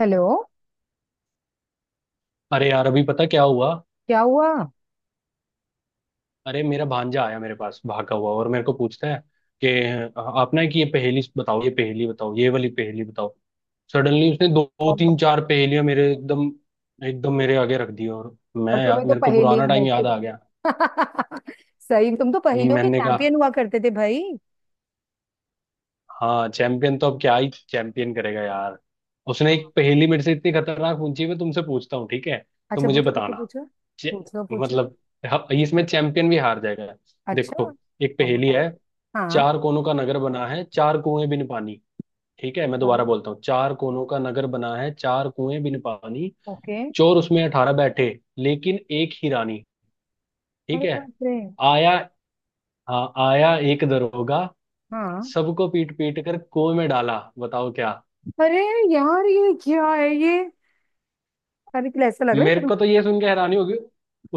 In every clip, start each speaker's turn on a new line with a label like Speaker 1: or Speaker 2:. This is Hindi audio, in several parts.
Speaker 1: हेलो।
Speaker 2: अरे यार, अभी पता क्या हुआ।
Speaker 1: क्या हुआ?
Speaker 2: अरे मेरा भांजा आया मेरे पास भागा हुआ और मेरे को पूछता है कि आप ना, कि ये पहेली बताओ, ये पहेली बताओ, ये वाली पहेली बताओ। सडनली उसने दो तीन
Speaker 1: और
Speaker 2: चार पहेलियां मेरे एकदम एकदम मेरे आगे रख दी, और मैं,
Speaker 1: और
Speaker 2: यार
Speaker 1: तुम्हें तो
Speaker 2: मेरे को पुराना
Speaker 1: पहेलियां
Speaker 2: टाइम
Speaker 1: वैसे
Speaker 2: याद आ गया।
Speaker 1: सही, तुम तो पहेलियों के
Speaker 2: मैंने कहा
Speaker 1: चैंपियन हुआ करते थे भाई।
Speaker 2: हाँ, चैंपियन तो अब क्या ही चैंपियन करेगा यार। उसने एक
Speaker 1: हाँ।
Speaker 2: पहेली मेरे से इतनी खतरनाक पूछी, मैं तुमसे पूछता हूँ, ठीक है तो
Speaker 1: अच्छा
Speaker 2: मुझे
Speaker 1: पूछो, पूछो,
Speaker 2: बताना।
Speaker 1: पूछो।
Speaker 2: चे-
Speaker 1: पूछो पूछो।
Speaker 2: मतलब हाँ, इसमें चैंपियन भी हार जाएगा।
Speaker 1: अच्छा।
Speaker 2: देखो, एक
Speaker 1: हाँ
Speaker 2: पहेली
Speaker 1: बताओ।
Speaker 2: है।
Speaker 1: हाँ।
Speaker 2: चार कोनों का नगर बना है, चार कुएं बिन पानी। ठीक है, मैं
Speaker 1: अच्छा,
Speaker 2: दोबारा बोलता हूँ। चार कोनों का नगर बना है, चार कुएं बिन पानी।
Speaker 1: ओके।
Speaker 2: चोर उसमें अठारह बैठे, लेकिन एक ही रानी।
Speaker 1: अरे
Speaker 2: ठीक है।
Speaker 1: बाप रे।
Speaker 2: आया, हाँ आया एक दरोगा।
Speaker 1: हाँ।
Speaker 2: सबको पीट पीट कर कुएं में डाला, बताओ क्या।
Speaker 1: अरे यार, ये क्या है ये? अरे क्या ऐसा लग रहा है
Speaker 2: मेरे को तो ये सुन के हैरानी होगी,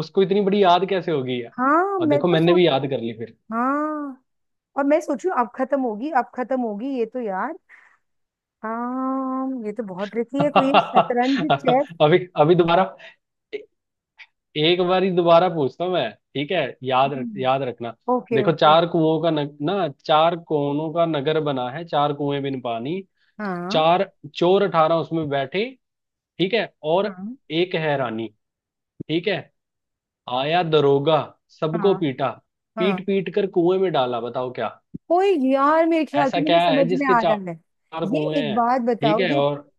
Speaker 2: उसको इतनी बड़ी याद कैसे होगी।
Speaker 1: हाँ
Speaker 2: और
Speaker 1: मैं
Speaker 2: देखो,
Speaker 1: तो
Speaker 2: मैंने
Speaker 1: सोच।
Speaker 2: भी याद कर ली फिर।
Speaker 1: हाँ और मैं सोचू अब खत्म होगी, अब खत्म होगी, ये तो यार। हाँ ये तो बहुत ट्रिकी है, कोई शतरंज चेस।
Speaker 2: अभी अभी दोबारा, एक बारी दोबारा पूछता हूँ मैं, ठीक है, याद रख, याद रखना।
Speaker 1: ओके
Speaker 2: देखो,
Speaker 1: ओके।
Speaker 2: चार कुओं का न, ना चार कोनों का नगर बना है, चार कुएं बिन पानी।
Speaker 1: हाँ
Speaker 2: चार, चोर अठारह उसमें बैठे, ठीक है। और
Speaker 1: हाँ
Speaker 2: एक है रानी, ठीक है। आया दरोगा,
Speaker 1: हाँ
Speaker 2: सबको पीटा,
Speaker 1: हाँ।
Speaker 2: पीट पीट कर कुएं में डाला, बताओ क्या।
Speaker 1: कोई यार, मेरे ख्याल से
Speaker 2: ऐसा
Speaker 1: मुझे
Speaker 2: क्या है
Speaker 1: समझ में
Speaker 2: जिसके
Speaker 1: आ रहा है।
Speaker 2: चार
Speaker 1: ये
Speaker 2: कुएं
Speaker 1: एक
Speaker 2: हैं,
Speaker 1: बात
Speaker 2: ठीक
Speaker 1: बताओ,
Speaker 2: है। और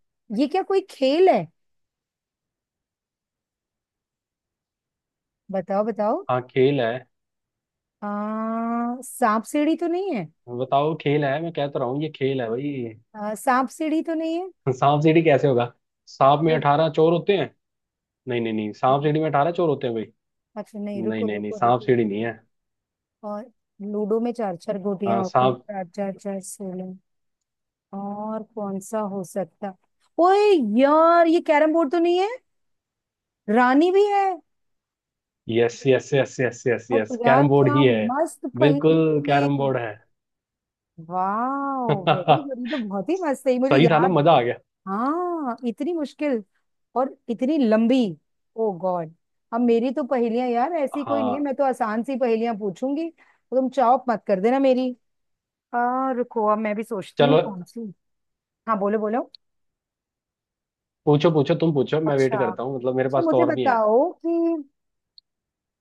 Speaker 1: ये क्या कोई खेल है? बताओ बताओ।
Speaker 2: हाँ, खेल है।
Speaker 1: सांप सीढ़ी तो नहीं है?
Speaker 2: बताओ, खेल है, मैं कहता रहा हूँ ये खेल है भाई।
Speaker 1: सांप सीढ़ी तो नहीं है?
Speaker 2: सांप सीढ़ी कैसे होगा। सांप में
Speaker 1: वो
Speaker 2: अठारह चोर होते हैं। नहीं नहीं नहीं, सांप सीढ़ी में अठारह चोर होते हैं भाई।
Speaker 1: अच्छा, नहीं, रुको
Speaker 2: नहीं नहीं नहीं,
Speaker 1: रुको
Speaker 2: सांप
Speaker 1: रुको
Speaker 2: सीढ़ी नहीं
Speaker 1: रुको।
Speaker 2: है।
Speaker 1: और लूडो में चार चार गोटियां
Speaker 2: हाँ
Speaker 1: होती हैं,
Speaker 2: सांप।
Speaker 1: चार चार चार 16। और कौन सा हो सकता? ओए यार, ये कैरम बोर्ड तो नहीं है? रानी भी है।
Speaker 2: Yes yes yes yes yes
Speaker 1: और
Speaker 2: यस,
Speaker 1: यार
Speaker 2: कैरम बोर्ड
Speaker 1: क्या
Speaker 2: ही है।
Speaker 1: मस्त
Speaker 2: बिल्कुल
Speaker 1: पहेली है ये।
Speaker 2: कैरम बोर्ड है।
Speaker 1: वाह वेरी
Speaker 2: सही
Speaker 1: गुड, ये तो बहुत ही मस्त है ये, मुझे
Speaker 2: था ना,
Speaker 1: याद।
Speaker 2: मजा आ गया।
Speaker 1: हाँ इतनी मुश्किल और इतनी लंबी। ओ गॉड। अब मेरी तो पहेलियां यार ऐसी कोई नहीं है।
Speaker 2: हाँ
Speaker 1: मैं तो आसान सी पहेलियां पूछूंगी तो तुम चौप मत कर देना मेरी। रुको अब मैं भी सोचती हूँ
Speaker 2: चलो,
Speaker 1: कौन सी। हाँ बोलो बोलो।
Speaker 2: पूछो पूछो, तुम पूछो, मैं वेट
Speaker 1: अच्छा
Speaker 2: करता हूँ, मतलब मेरे
Speaker 1: तो
Speaker 2: पास तो
Speaker 1: मुझे
Speaker 2: और भी है।
Speaker 1: बताओ कि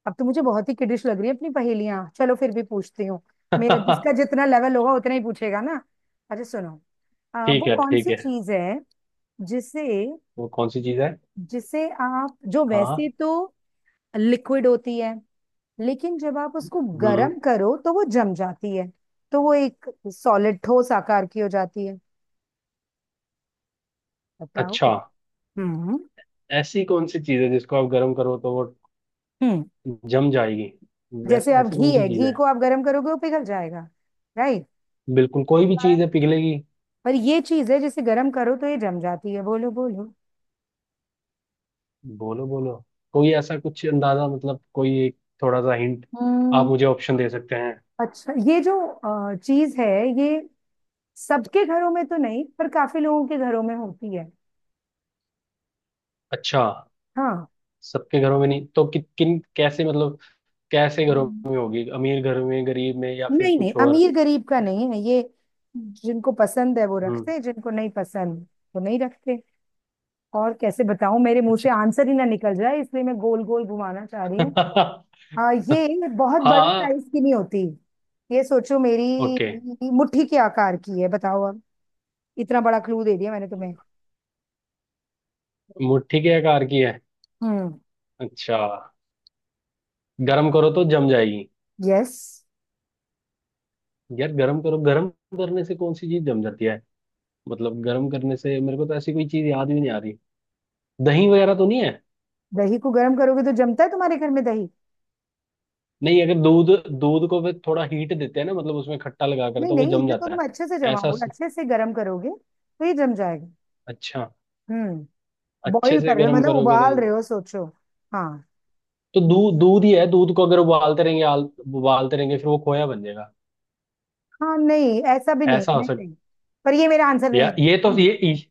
Speaker 1: अब तो मुझे बहुत ही किडिश लग रही है अपनी पहेलियां, चलो फिर भी पूछती हूँ। मेरा जिसका जितना लेवल होगा उतना ही पूछेगा ना। अच्छा सुनो।
Speaker 2: ठीक
Speaker 1: वो
Speaker 2: है
Speaker 1: कौन
Speaker 2: ठीक
Speaker 1: सी
Speaker 2: है
Speaker 1: चीज है जिसे
Speaker 2: वो कौन सी चीज है।
Speaker 1: जिसे आप, जो वैसे
Speaker 2: हाँ।
Speaker 1: तो लिक्विड होती है लेकिन जब आप उसको
Speaker 2: हम्म।
Speaker 1: गर्म करो तो वो जम जाती है, तो वो एक सॉलिड ठोस आकार की हो जाती है। बताओ।
Speaker 2: अच्छा,
Speaker 1: हम्म।
Speaker 2: ऐसी कौन सी चीज है जिसको आप गर्म करो तो वो
Speaker 1: हम्म।
Speaker 2: जम जाएगी। वैसे
Speaker 1: जैसे आप
Speaker 2: ऐसी
Speaker 1: घी
Speaker 2: कौन सी
Speaker 1: है,
Speaker 2: चीज
Speaker 1: घी
Speaker 2: है।
Speaker 1: को आप गर्म करोगे वो पिघल जाएगा, राइट।
Speaker 2: बिल्कुल, कोई भी चीज
Speaker 1: पर
Speaker 2: है पिघलेगी।
Speaker 1: पर ये चीज है जिसे गर्म करो तो ये जम जाती है। बोलो बोलो।
Speaker 2: बोलो बोलो, कोई ऐसा कुछ अंदाजा, मतलब कोई एक थोड़ा सा हिंट आप
Speaker 1: हम्म,
Speaker 2: मुझे ऑप्शन दे सकते हैं।
Speaker 1: अच्छा, ये जो चीज है ये सबके घरों में तो नहीं पर काफी लोगों के घरों में होती है।
Speaker 2: अच्छा, सबके घरों में नहीं तो किन कैसे, मतलब कैसे घरों
Speaker 1: हाँ
Speaker 2: में होगी, अमीर घर में, गरीब में या फिर
Speaker 1: नहीं नहीं,
Speaker 2: कुछ और।
Speaker 1: अमीर गरीब का नहीं है ये। जिनको पसंद है वो रखते
Speaker 2: हम्म।
Speaker 1: हैं, जिनको नहीं पसंद वो नहीं रखते। और कैसे बताऊं, मेरे मुंह से
Speaker 2: अच्छा।
Speaker 1: आंसर ही ना निकल जाए इसलिए मैं गोल गोल घुमाना चाह रही हूँ। ये बहुत बड़े
Speaker 2: हाँ
Speaker 1: साइज की नहीं होती। ये सोचो मेरी
Speaker 2: ओके।
Speaker 1: मुट्ठी के आकार की है, बताओ अब। इतना बड़ा क्लू दे दिया मैंने तुम्हें।
Speaker 2: मुट्ठी के आकार की है।
Speaker 1: हम्म।
Speaker 2: अच्छा। गरम करो तो जम जाएगी।
Speaker 1: यस।
Speaker 2: यार गरम करो, गरम करने से कौन सी चीज जम जाती है। मतलब गरम करने से मेरे को तो ऐसी कोई चीज याद भी नहीं आ रही। दही वगैरह तो नहीं है।
Speaker 1: दही को गर्म करोगे तो जमता है तुम्हारे घर में दही?
Speaker 2: नहीं, अगर दूध, दूध को फिर थोड़ा हीट देते हैं ना, मतलब उसमें खट्टा लगा कर,
Speaker 1: नहीं
Speaker 2: तो वो
Speaker 1: नहीं,
Speaker 2: जम
Speaker 1: इसे तो
Speaker 2: जाता
Speaker 1: तुम
Speaker 2: है।
Speaker 1: अच्छे से
Speaker 2: ऐसा
Speaker 1: जमाओ,
Speaker 2: स-
Speaker 1: अच्छे से गर्म करोगे तो ये जम जाएगा।
Speaker 2: अच्छा,
Speaker 1: हम्म।
Speaker 2: अच्छे
Speaker 1: बॉईल
Speaker 2: से
Speaker 1: कर रहे हो,
Speaker 2: गर्म
Speaker 1: मतलब
Speaker 2: करोगे तो।
Speaker 1: उबाल रहे हो, सोचो। हाँ।
Speaker 2: तो दूध, दूध ही है। दूध को अगर उबालते रहेंगे, उबालते रहेंगे, फिर वो खोया बन जाएगा।
Speaker 1: हाँ नहीं ऐसा भी नहीं
Speaker 2: ऐसा हो
Speaker 1: नहीं
Speaker 2: सकता।
Speaker 1: नहीं, पर ये मेरा आंसर नहीं
Speaker 2: या ये
Speaker 1: है।
Speaker 2: तो ये ई-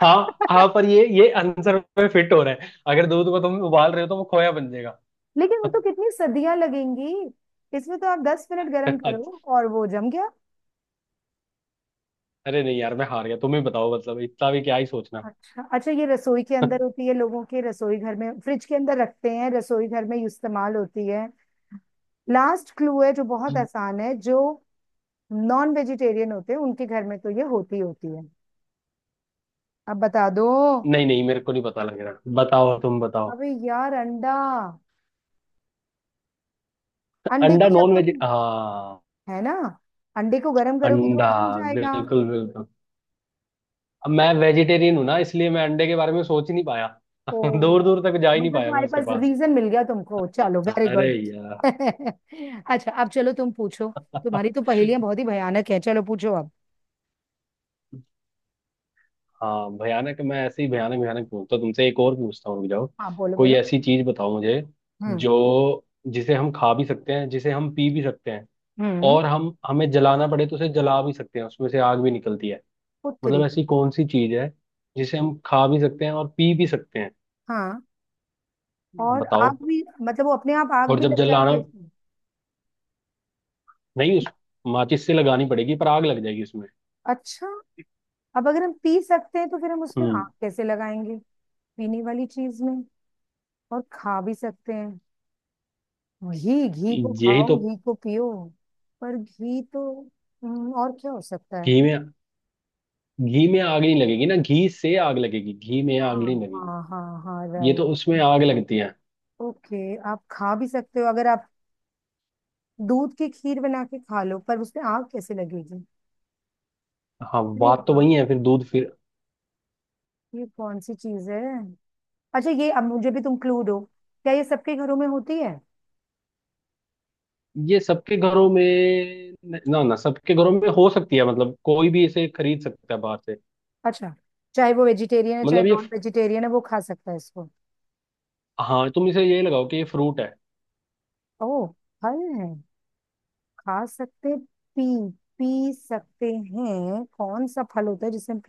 Speaker 2: हाँ हाँ, पर ये आंसर पे फिट हो रहा है, अगर दूध को तुम उबाल रहे हो तो वो खोया बन जाएगा।
Speaker 1: लेकिन वो तो कितनी सदियां लगेंगी। इसमें तो आप 10 मिनट गर्म
Speaker 2: अच्छा,
Speaker 1: करो और वो जम गया।
Speaker 2: अरे नहीं यार, मैं हार गया, तुम ही बताओ, मतलब इतना भी क्या ही सोचना।
Speaker 1: अच्छा अच्छा, ये रसोई के अंदर होती है, लोगों के रसोई घर में फ्रिज के अंदर रखते हैं, रसोई घर में इस्तेमाल होती है। लास्ट क्लू है जो बहुत आसान है, जो नॉन वेजिटेरियन होते हैं उनके घर में तो ये होती होती है। अब बता दो।
Speaker 2: नहीं नहीं, मेरे को नहीं पता लग रहा, बताओ, तुम बताओ।
Speaker 1: अबे यार अंडा। अंडे को
Speaker 2: अंडा,
Speaker 1: जब
Speaker 2: नॉन वेज,
Speaker 1: तुम,
Speaker 2: हाँ।
Speaker 1: है ना, अंडे को गर्म करोगे तो वो
Speaker 2: अंडा,
Speaker 1: जम जाएगा।
Speaker 2: बिल्कुल बिल्कुल। अब मैं वेजिटेरियन हूं ना, इसलिए मैं अंडे के बारे में सोच ही नहीं पाया। दूर
Speaker 1: ओ
Speaker 2: दूर तक जा ही नहीं
Speaker 1: मतलब
Speaker 2: पाया मैं
Speaker 1: तुम्हारे
Speaker 2: उसके
Speaker 1: पास
Speaker 2: पास।
Speaker 1: रीजन मिल गया तुमको, चलो वेरी
Speaker 2: अरे
Speaker 1: गुड।
Speaker 2: यार।
Speaker 1: अच्छा अब चलो तुम पूछो। तुम्हारी तो पहेलियां बहुत ही भयानक है, चलो पूछो अब।
Speaker 2: हाँ भयानक, मैं ऐसे ही भयानक भयानक पूछता हूँ तुमसे, एक और पूछता हूँ, रुक जाओ।
Speaker 1: हाँ बोलो
Speaker 2: कोई
Speaker 1: बोलो।
Speaker 2: ऐसी चीज बताओ मुझे
Speaker 1: हम्म।
Speaker 2: जो, जिसे हम खा भी सकते हैं, जिसे हम पी भी सकते हैं,
Speaker 1: हम्म।
Speaker 2: और हम, हमें जलाना पड़े तो उसे जला भी सकते हैं, उसमें से आग भी निकलती है।
Speaker 1: पुत्री।
Speaker 2: मतलब ऐसी कौन सी चीज है जिसे हम खा भी सकते हैं और पी भी सकते हैं।
Speaker 1: हाँ और
Speaker 2: बताओ।
Speaker 1: आग भी, मतलब वो अपने आप आग
Speaker 2: और
Speaker 1: भी
Speaker 2: जब
Speaker 1: लग जाती
Speaker 2: जलाना,
Speaker 1: है उसमें?
Speaker 2: नहीं उस माचिस से लगानी पड़ेगी, पर आग लग जाएगी उसमें।
Speaker 1: अच्छा, अब अगर हम पी सकते हैं तो फिर हम उसमें
Speaker 2: हम्म।
Speaker 1: आग कैसे लगाएंगे? पीने वाली चीज में। और खा भी सकते हैं। वही घी को
Speaker 2: यही
Speaker 1: खाओ,
Speaker 2: तो।
Speaker 1: घी को पियो। पर घी तो और क्या हो सकता है?
Speaker 2: घी में, घी में आग नहीं लगेगी ना, घी से आग लगेगी, घी में आग
Speaker 1: हाँ
Speaker 2: नहीं लगेगी।
Speaker 1: हाँ हाँ हाँ
Speaker 2: ये
Speaker 1: राइट।
Speaker 2: तो उसमें आग लगती है।
Speaker 1: ओके, आप खा भी सकते हो, अगर आप दूध की खीर बना के खा लो, पर उसमें आग कैसे लगेगी?
Speaker 2: हाँ,
Speaker 1: अरे
Speaker 2: बात तो
Speaker 1: वाह,
Speaker 2: वही है फिर, दूध फिर।
Speaker 1: ये कौन सी चीज है? अच्छा ये अब मुझे भी तुम क्लू दो। क्या ये सबके घरों में होती है?
Speaker 2: ये सबके घरों में ना, ना सबके घरों में हो सकती है, मतलब कोई भी इसे खरीद सकता है बाहर से।
Speaker 1: अच्छा, चाहे वो वेजिटेरियन है चाहे
Speaker 2: मतलब ये,
Speaker 1: नॉन वेजिटेरियन है, वो खा सकता है इसको।
Speaker 2: हाँ तुम इसे ये लगाओ कि ये फ्रूट है।
Speaker 1: ओ, फल है, खा सकते, पी, पी सकते हैं, कौन सा फल होता है जिसे हम,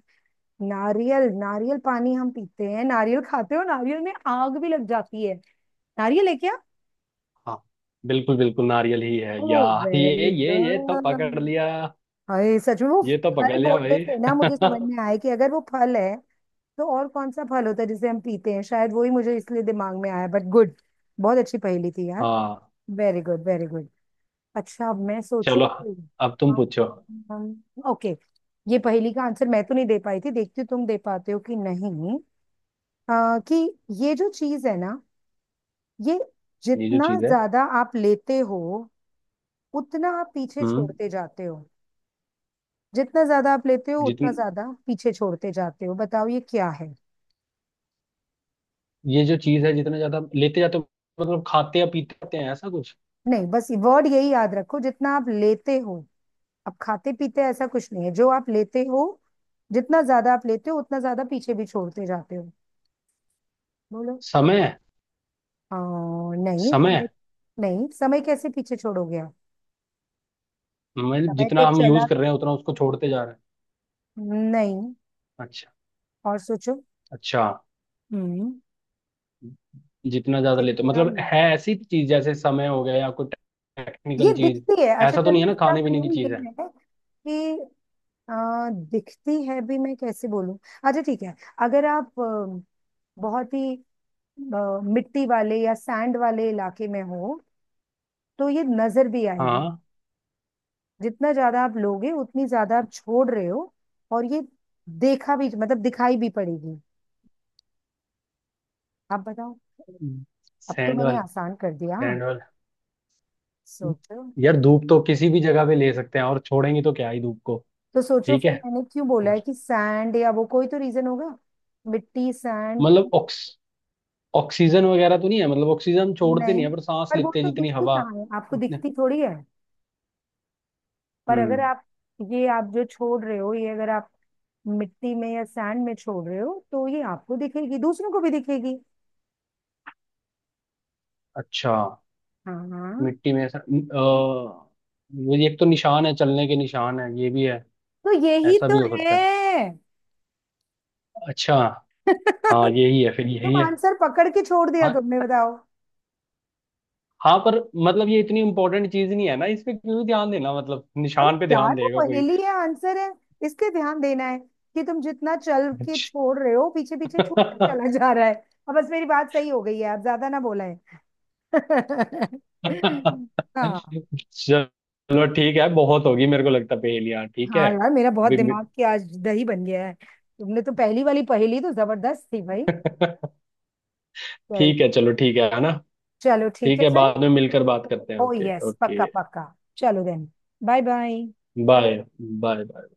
Speaker 1: नारियल। नारियल पानी हम पीते हैं, नारियल खाते हो, नारियल में आग भी लग जाती है। नारियल है क्या?
Speaker 2: हाँ बिल्कुल बिल्कुल, नारियल ही है,
Speaker 1: ओ
Speaker 2: या। ये
Speaker 1: वेरी
Speaker 2: ये ये तो
Speaker 1: गुड।
Speaker 2: पकड़ लिया,
Speaker 1: हाय सच में, वो
Speaker 2: ये तो
Speaker 1: फल
Speaker 2: पकड़ लिया
Speaker 1: बोलने
Speaker 2: भाई।
Speaker 1: से ना मुझे समझ में आया कि अगर वो फल है तो और कौन सा फल होता है जिसे हम पीते हैं, शायद वही मुझे इसलिए दिमाग में आया, बट गुड। बहुत अच्छी पहेली थी यार।
Speaker 2: हाँ
Speaker 1: वेरी गुड वेरी गुड। अच्छा अब मैं सोचूं।
Speaker 2: चलो, अब तुम पूछो।
Speaker 1: ओके। ये पहेली का आंसर मैं तो नहीं दे पाई थी, देखती हूँ तुम दे पाते हो कि नहीं। कि ये जो चीज है ना, ये
Speaker 2: ये जो
Speaker 1: जितना
Speaker 2: चीज है।
Speaker 1: ज्यादा आप लेते हो उतना आप पीछे
Speaker 2: हम्म।
Speaker 1: छोड़ते जाते हो। जितना ज्यादा आप लेते हो उतना
Speaker 2: जितनी,
Speaker 1: ज्यादा पीछे छोड़ते जाते हो, बताओ ये क्या है।
Speaker 2: ये जो चीज है, जितना ज्यादा लेते जाते हो, मतलब खाते या पीते रहते हैं, ऐसा कुछ।
Speaker 1: नहीं, बस वर्ड यही याद रखो, जितना आप लेते हो। अब खाते पीते ऐसा कुछ नहीं है जो आप लेते हो। जितना ज्यादा आप लेते हो उतना ज्यादा पीछे भी छोड़ते जाते हो। बोलो।
Speaker 2: समय।
Speaker 1: आ, नहीं
Speaker 2: समय,
Speaker 1: समय। नहीं, समय कैसे पीछे छोड़ोगे आप?
Speaker 2: मतलब
Speaker 1: समय तो
Speaker 2: जितना हम
Speaker 1: चला
Speaker 2: यूज कर रहे हैं उतना उसको छोड़ते जा रहे
Speaker 1: नहीं।
Speaker 2: हैं। अच्छा।
Speaker 1: और सोचो।
Speaker 2: अच्छा,
Speaker 1: हम्म
Speaker 2: जितना ज्यादा लेते हो,
Speaker 1: जितना
Speaker 2: मतलब है ऐसी चीज जैसे समय हो गया या कोई
Speaker 1: ये
Speaker 2: टेक्निकल चीज।
Speaker 1: दिखती है, अच्छा
Speaker 2: ऐसा तो
Speaker 1: चलो
Speaker 2: नहीं है ना,
Speaker 1: इसका
Speaker 2: खाने पीने की
Speaker 1: क्लू ये
Speaker 2: चीज है।
Speaker 1: है कि दिखती है भी, मैं कैसे बोलूं? अच्छा ठीक है, अगर आप बहुत ही मिट्टी वाले या सैंड वाले इलाके में हो तो ये नजर भी आएगी।
Speaker 2: हाँ।
Speaker 1: जितना ज्यादा आप लोगे उतनी ज्यादा आप छोड़ रहे हो, और ये देखा भी मतलब दिखाई भी पड़ेगी। आप बताओ। अब तो
Speaker 2: सैंड
Speaker 1: मैंने
Speaker 2: वाले।
Speaker 1: आसान कर दिया हाँ।
Speaker 2: सैंड वाले,
Speaker 1: सोचो।
Speaker 2: यार धूप तो किसी भी जगह पे ले सकते हैं, और छोड़ेंगे तो क्या ही धूप को।
Speaker 1: तो सोचो
Speaker 2: ठीक
Speaker 1: फिर
Speaker 2: है,
Speaker 1: मैंने क्यों बोला है कि सैंड, या वो कोई तो रीजन होगा। मिट्टी सैंड।
Speaker 2: मतलब ऑक्सीजन वगैरह तो नहीं है, मतलब ऑक्सीजन हम छोड़ते
Speaker 1: नहीं,
Speaker 2: नहीं है पर सांस
Speaker 1: पर वो
Speaker 2: लेते हैं,
Speaker 1: तो
Speaker 2: जितनी
Speaker 1: दिखती
Speaker 2: हवा
Speaker 1: कहाँ है, आपको
Speaker 2: उतने।
Speaker 1: दिखती थोड़ी है? पर अगर
Speaker 2: हम्म।
Speaker 1: आप, ये आप जो छोड़ रहे हो ये अगर आप मिट्टी में या सैंड में छोड़ रहे हो तो ये आपको दिखेगी, दूसरों को भी दिखेगी।
Speaker 2: अच्छा,
Speaker 1: हाँ हाँ।
Speaker 2: मिट्टी में ऐसा, वो ये एक तो निशान है, चलने के निशान है, ये भी है,
Speaker 1: तो यही
Speaker 2: ऐसा भी
Speaker 1: तो
Speaker 2: हो
Speaker 1: है।
Speaker 2: सकता है। अच्छा। हाँ, यही है फिर,
Speaker 1: तुम
Speaker 2: यही है।
Speaker 1: आंसर पकड़ के छोड़ दिया
Speaker 2: हाँ
Speaker 1: तुमने, बताओ।
Speaker 2: हाँ, पर मतलब ये इतनी इंपॉर्टेंट चीज नहीं है ना, इस पे क्यों ध्यान देना, मतलब
Speaker 1: अरे
Speaker 2: निशान पे
Speaker 1: यार
Speaker 2: ध्यान
Speaker 1: वो
Speaker 2: देगा कोई।
Speaker 1: पहेली है, आंसर है, इस पे ध्यान देना है कि तुम जितना चल के छोड़ रहे हो पीछे पीछे छूटता
Speaker 2: अच्छा।
Speaker 1: चला जा रहा है। अब बस, मेरी बात सही हो गई है, अब ज्यादा ना बोला है। हाँ।
Speaker 2: चलो ठीक है, बहुत होगी मेरे को लगता पहेलियाँ, ठीक है
Speaker 1: हाँ यार, मेरा बहुत
Speaker 2: अभी।
Speaker 1: दिमाग की आज दही बन गया है। तुमने तो पहली वाली पहेली तो जबरदस्त थी भाई।
Speaker 2: मि-
Speaker 1: भाई।
Speaker 2: ठीक है, चलो ठीक है ना।
Speaker 1: चलो ठीक
Speaker 2: ठीक
Speaker 1: है
Speaker 2: है,
Speaker 1: फिर।
Speaker 2: बाद में मिलकर बात करते हैं,
Speaker 1: ओ
Speaker 2: ओके
Speaker 1: यस,
Speaker 2: ओके।
Speaker 1: पक्का पक्का। चलो then. Bye bye.
Speaker 2: Bye. Bye.